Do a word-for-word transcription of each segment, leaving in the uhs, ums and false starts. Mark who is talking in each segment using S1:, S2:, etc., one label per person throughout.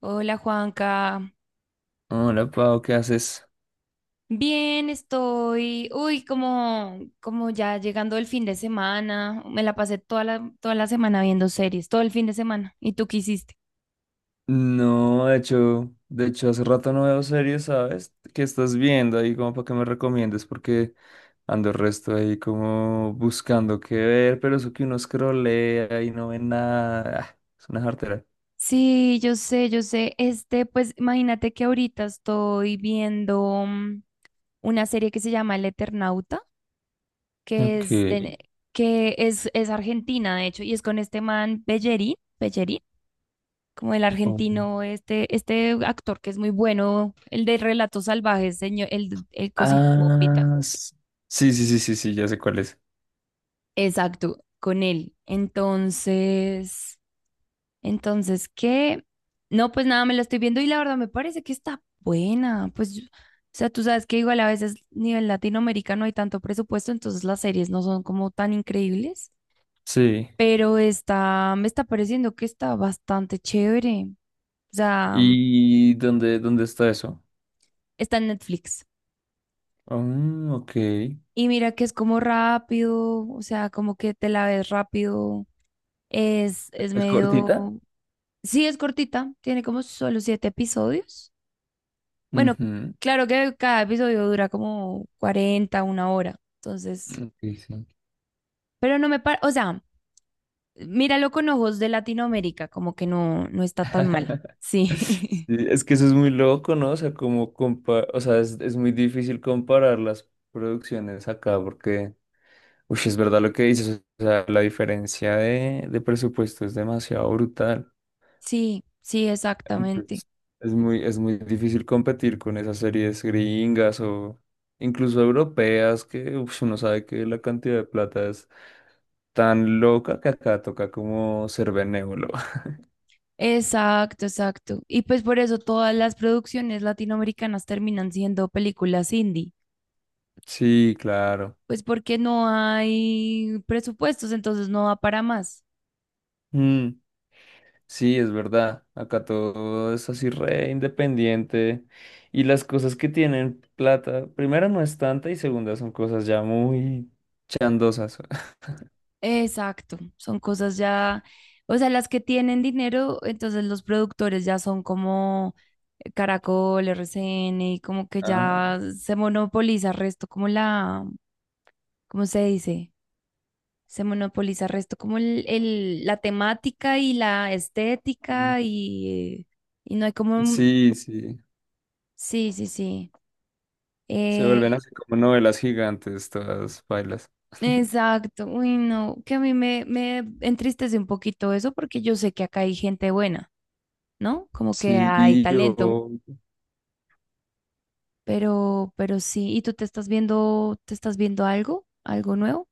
S1: Hola Juanca,
S2: Hola, Pau, ¿qué haces?
S1: bien estoy, uy, como, como ya llegando el fin de semana, me la pasé toda la, toda la semana viendo series, todo el fin de semana. ¿Y tú qué hiciste?
S2: No, de hecho, de hecho hace rato no veo series, ¿sabes? ¿Qué estás viendo ahí como para que me recomiendes? Porque ando el resto ahí como buscando qué ver, pero eso que uno scrollea y no ve nada, ah, es una jartera.
S1: Sí, yo sé, yo sé, este, pues imagínate que ahorita estoy viendo mm, una serie que se llama El Eternauta, que
S2: Ok.
S1: es, de, que es, es argentina, de hecho, y es con este man Pellerín, como el
S2: Oh.
S1: argentino, este, este actor que es muy bueno, el de Relatos Salvajes, señor, el, el cosito Bombita.
S2: Ah, s- sí, sí, sí, sí, sí, ya sé cuál es.
S1: Exacto, con él. Entonces, entonces, ¿qué? No, pues nada, me la estoy viendo y la verdad me parece que está buena. Pues, yo- o sea, tú sabes que igual a veces nivel latinoamericano hay tanto presupuesto, entonces las series no son como tan increíbles,
S2: Sí.
S1: pero está, me está pareciendo que está bastante chévere. O sea,
S2: ¿Y dónde, dónde está eso?
S1: está en Netflix.
S2: Ah, ok.
S1: Y mira que es como rápido, o sea, como que te la ves rápido. Es, es
S2: ¿Es
S1: medio.
S2: cortita?
S1: Sí, es cortita, tiene como solo siete episodios. Bueno,
S2: Ujú,
S1: claro que cada episodio dura como cuarenta una hora. Entonces,
S2: ok, sí.
S1: pero no me parece, o sea, míralo con ojos de Latinoamérica, como que no, no está tan mal. Sí,
S2: Sí, es que eso es muy loco, ¿no? O sea, como compa- o sea, es, es muy difícil comparar las producciones acá porque, uy, es verdad lo que dices, o sea, la diferencia de, de presupuesto es demasiado brutal.
S1: sí, sí,
S2: Entonces,
S1: exactamente.
S2: es muy, es muy difícil competir con esas series gringas o incluso europeas que uf, uno sabe que la cantidad de plata es tan loca que acá toca como ser benévolo.
S1: Exacto, exacto. Y pues por eso todas las producciones latinoamericanas terminan siendo películas indie.
S2: Sí, claro.
S1: Pues porque no hay presupuestos, entonces no va para más.
S2: Mm. Sí, es verdad. Acá todo es así re independiente. Y las cosas que tienen plata, primera no es tanta y segunda son cosas ya muy chandosas.
S1: Exacto, son cosas ya, o sea, las que tienen dinero, entonces los productores ya son como Caracol, R C N, y como que
S2: Ah,
S1: ya se monopoliza el resto, como la, ¿cómo se dice? Se monopoliza el resto, como el, el- la temática y la estética y, y no hay como, un-
S2: sí, sí.
S1: sí, sí, sí.
S2: Se
S1: eh,
S2: vuelven así como novelas gigantes, todas bailas.
S1: Exacto, uy, no, que a mí me, me entristece un poquito eso porque yo sé que acá hay gente buena, ¿no? Como que hay
S2: Sí, yo…
S1: talento, pero, pero sí, ¿y tú te estás viendo, te estás viendo algo, algo nuevo?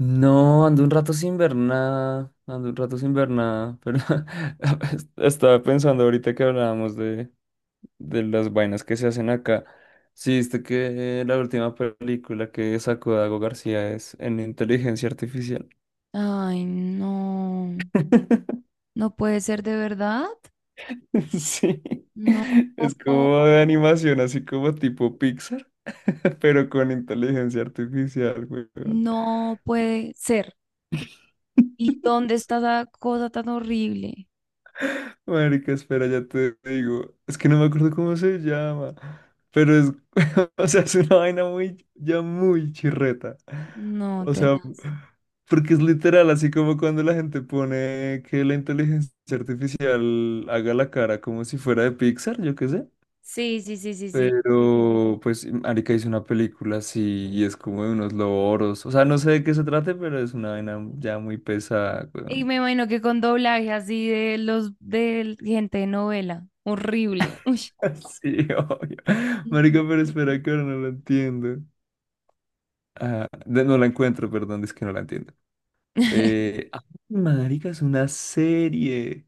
S2: No, ando un rato sin ver nada. Ando un rato sin ver nada. Pero estaba pensando ahorita que hablábamos de de las vainas que se hacen acá. Sí, viste que la última película que sacó Dago García es en inteligencia artificial.
S1: Ay, no, no puede ser de verdad,
S2: Sí,
S1: no,
S2: es como de animación, así como tipo Pixar, pero con inteligencia artificial, weón.
S1: no puede ser. ¿Y dónde está esa cosa tan horrible?
S2: Marica, espera, ya te digo. Es que no me acuerdo cómo se llama. Pero es, o sea, es una vaina muy, ya muy chirreta.
S1: No,
S2: O sea,
S1: tenaz.
S2: porque es literal, así como cuando la gente pone que la inteligencia artificial haga la cara como si fuera de Pixar, yo qué sé.
S1: Sí, sí, sí, sí, sí.
S2: Pero, pues, Marica hizo una película así y es como de unos loros. O sea, no sé de qué se trate, pero es una vaina ya muy pesada,
S1: Y
S2: weón.
S1: me imagino que con doblaje así de los de gente de novela. Horrible. Uy.
S2: Sí, obvio. Marica,
S1: Mm.
S2: pero espera que ahora no la entiendo. Ah, de- no la encuentro, perdón, es que no la entiendo. Eh, ah, marica, es una serie.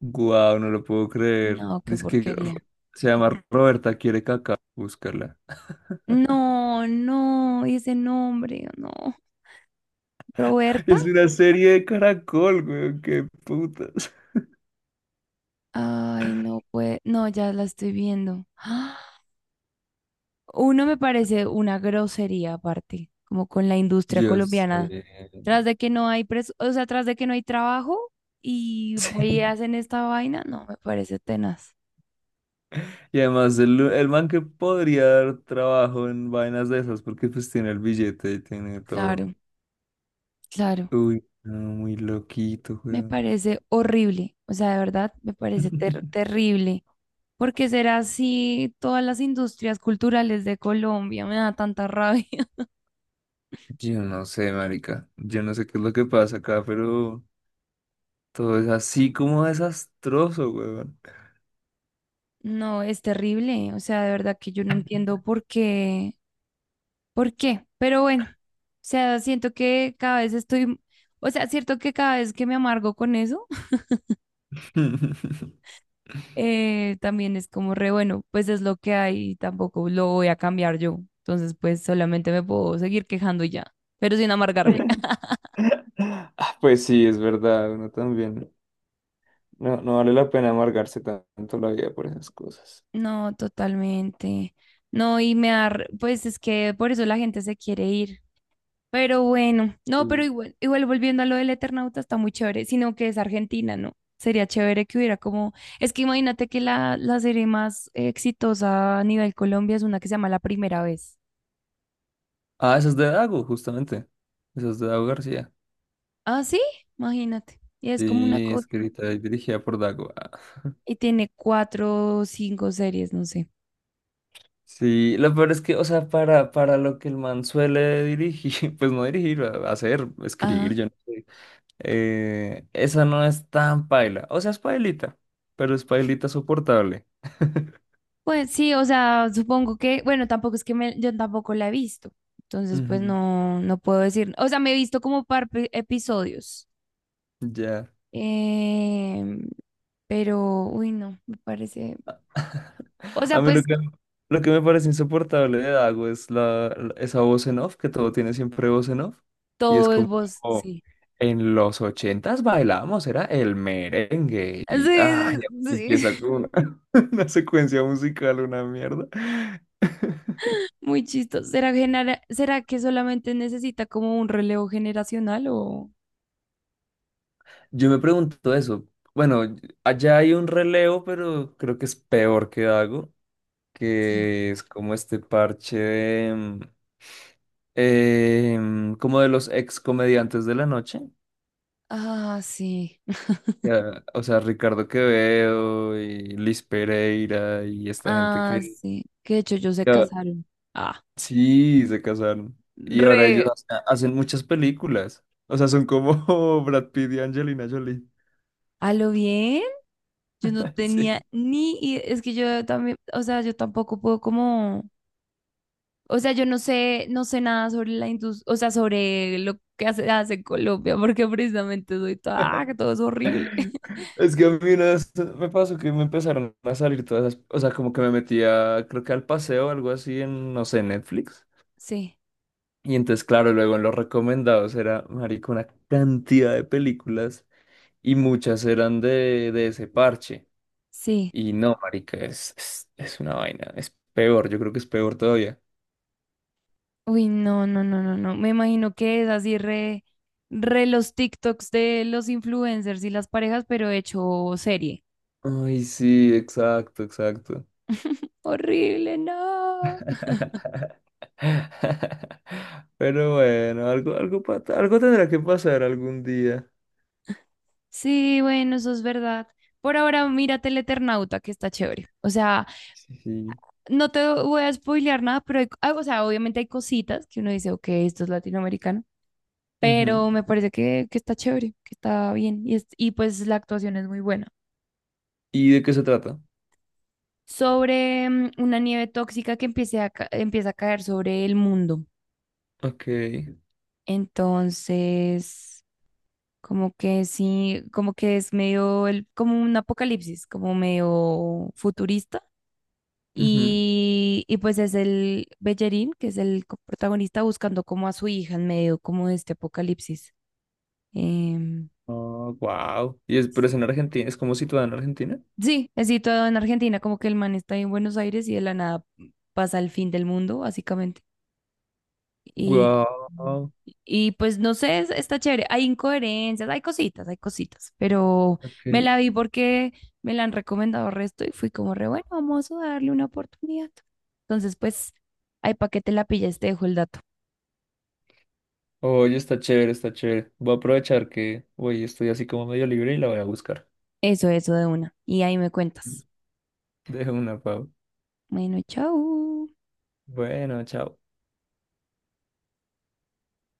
S2: Guau, no lo puedo creer.
S1: No, qué
S2: Dice que Ro-
S1: porquería.
S2: se llama Roberta quiere caca. Búscala.
S1: No, no, y ese nombre, no. ¿Roberta?
S2: Es una serie de Caracol, güey. Qué putas.
S1: Ay, no puede. No, ya la estoy viendo. ¡Ah! Uno me parece una grosería aparte, como con la industria
S2: Yo
S1: colombiana.
S2: sé.
S1: Tras de que no hay pres- o sea, tras de que no hay trabajo y
S2: Sí.
S1: ahí hacen esta vaina, no, me parece tenaz.
S2: Y además, el, el man que podría dar trabajo en vainas de esas, porque pues tiene el billete y tiene todo.
S1: Claro, claro.
S2: Uy, no, muy loquito,
S1: Me
S2: weón.
S1: parece horrible, o sea, de verdad me parece ter- terrible, porque será así todas las industrias culturales de Colombia, me da tanta rabia.
S2: Yo no sé, marica. Yo no sé qué es lo que pasa acá, pero todo es así como desastroso, weón.
S1: No, es terrible, o sea, de verdad que yo no entiendo por qué, por qué, pero bueno, o sea, siento que cada vez estoy, o sea, cierto que cada vez que me amargo con eso, eh, también es como re bueno, pues es lo que hay y tampoco lo voy a cambiar yo, entonces pues solamente me puedo seguir quejando y ya, pero sin amargarme.
S2: Ah, pues sí, es verdad, uno también. No, no vale la pena amargarse tanto la vida por esas cosas.
S1: No, totalmente. No, y me da, r- pues es que por eso la gente se quiere ir. Pero bueno, no, pero
S2: Sí.
S1: igual, igual volviendo a lo del Eternauta está muy chévere, sino que es Argentina, ¿no? Sería chévere que hubiera como, es que imagínate que la, la serie más exitosa a nivel Colombia es una que se llama La Primera Vez.
S2: Ah, esa es de Dago, justamente. Esa es de Dago García.
S1: Ah, sí, imagínate. Y es como una
S2: Sí,
S1: cosa,
S2: escrita y dirigida por Dago.
S1: y tiene cuatro o cinco series, no sé.
S2: Sí, lo peor es que, o sea, para, para lo que el man suele dirigir, pues no dirigir, a- hacer,
S1: Ajá,
S2: escribir, yo no sé. Eh, esa no es tan paila. O sea, es pailita, pero es pailita soportable.
S1: pues sí, o sea, supongo que, bueno, tampoco es que me, yo tampoco la he visto, entonces pues
S2: Ujú,
S1: no, no puedo decir, o sea, me he visto como par pe- episodios,
S2: ya.
S1: em, pero, uy, no, me parece, o
S2: A
S1: sea,
S2: mí lo
S1: pues
S2: que, lo que me parece insoportable de Dago es la, la- esa voz en off, que todo tiene siempre voz en off. Y es
S1: todo es
S2: como,
S1: voz,
S2: "Oh,
S1: sí.
S2: en los ochentas bailábamos, era el merengue. Y ay,
S1: Sí, sí, sí,
S2: empieza con una, una secuencia musical, una mierda.
S1: muy chistoso. ¿Será, genera- ¿Será que solamente necesita como un relevo generacional o?
S2: Yo me pregunto eso. Bueno, allá hay un relevo, pero creo que es peor que Dago.
S1: Sí.
S2: Que es como este parche de, mm, em, como de los ex comediantes de la noche.
S1: Ah, sí.
S2: Ya, o sea, Ricardo Quevedo y Liz Pereira y esta gente
S1: Ah,
S2: que
S1: sí. Que de hecho ellos se
S2: ya,
S1: casaron. Ah,
S2: sí se casaron. Y ahora ellos
S1: re.
S2: hace- hacen muchas películas. O sea, son como Brad Pitt y Angelina Jolie.
S1: ¿A lo bien? Yo no tenía
S2: Sí.
S1: ni, i- es que yo también, o sea, yo tampoco puedo como, o sea, yo no sé, no sé, nada sobre la industria, o sea, sobre lo que hace, hace en Colombia, porque precisamente soy toda, "Ah, que todo es horrible".
S2: Es que a mí una vez me pasó que me empezaron a salir todas las, o sea, como que me metía, creo que al paseo o algo así en, no sé, Netflix.
S1: Sí,
S2: Y entonces, claro, luego en los recomendados era, marica, una cantidad de películas y muchas eran de, de ese parche.
S1: sí.
S2: Y no, marica, es, es, es una vaina, es peor, yo creo que es peor todavía.
S1: Uy, no, no, no, no, no. Me imagino que es así re, re los TikToks de los influencers y las parejas, pero hecho serie.
S2: Ay, sí, exacto, exacto.
S1: Horrible, no.
S2: Pero bueno, algo, algo, pa- algo tendrá que pasar algún día.
S1: Sí, bueno, eso es verdad. Por ahora, mírate el Eternauta, que está chévere. O sea,
S2: Sí, sí.
S1: no te voy a spoilear nada, pero hay- ah, o sea, obviamente hay cositas que uno dice, ok, esto es latinoamericano,
S2: Ujú.
S1: pero me parece que, que está chévere, que está bien y, es- y pues la actuación es muy buena.
S2: ¿Y de qué se trata?
S1: Sobre mm, una nieve tóxica que empiece a ca- empieza a caer sobre el mundo.
S2: Ok.
S1: Entonces, como que sí, como que es medio, el, como un apocalipsis, como medio futurista.
S2: Ujú.
S1: Y, y pues es el Bellerín, que es el co- protagonista, buscando como a su hija en medio como de este apocalipsis. Em,
S2: Oh, wow. ¿Y es, pero es en Argentina? ¿Es como situada en Argentina?
S1: sí, es situado en Argentina, como que el man está en Buenos Aires y de la nada pasa el fin del mundo, básicamente. Y,
S2: Wow.
S1: y pues no sé, es- está chévere. Hay incoherencias, hay cositas, hay cositas, pero me la vi porque me la han recomendado resto y fui como re bueno, vamos a darle una oportunidad. Entonces, pues, ahí para que te la pilles, te dejo el dato.
S2: Oye, está chévere, está chévere. Voy a aprovechar que hoy estoy así como medio libre y la voy a buscar.
S1: Eso, eso de una. Y ahí me cuentas.
S2: Dejo una, Pau.
S1: Bueno, chao.
S2: Bueno, chao.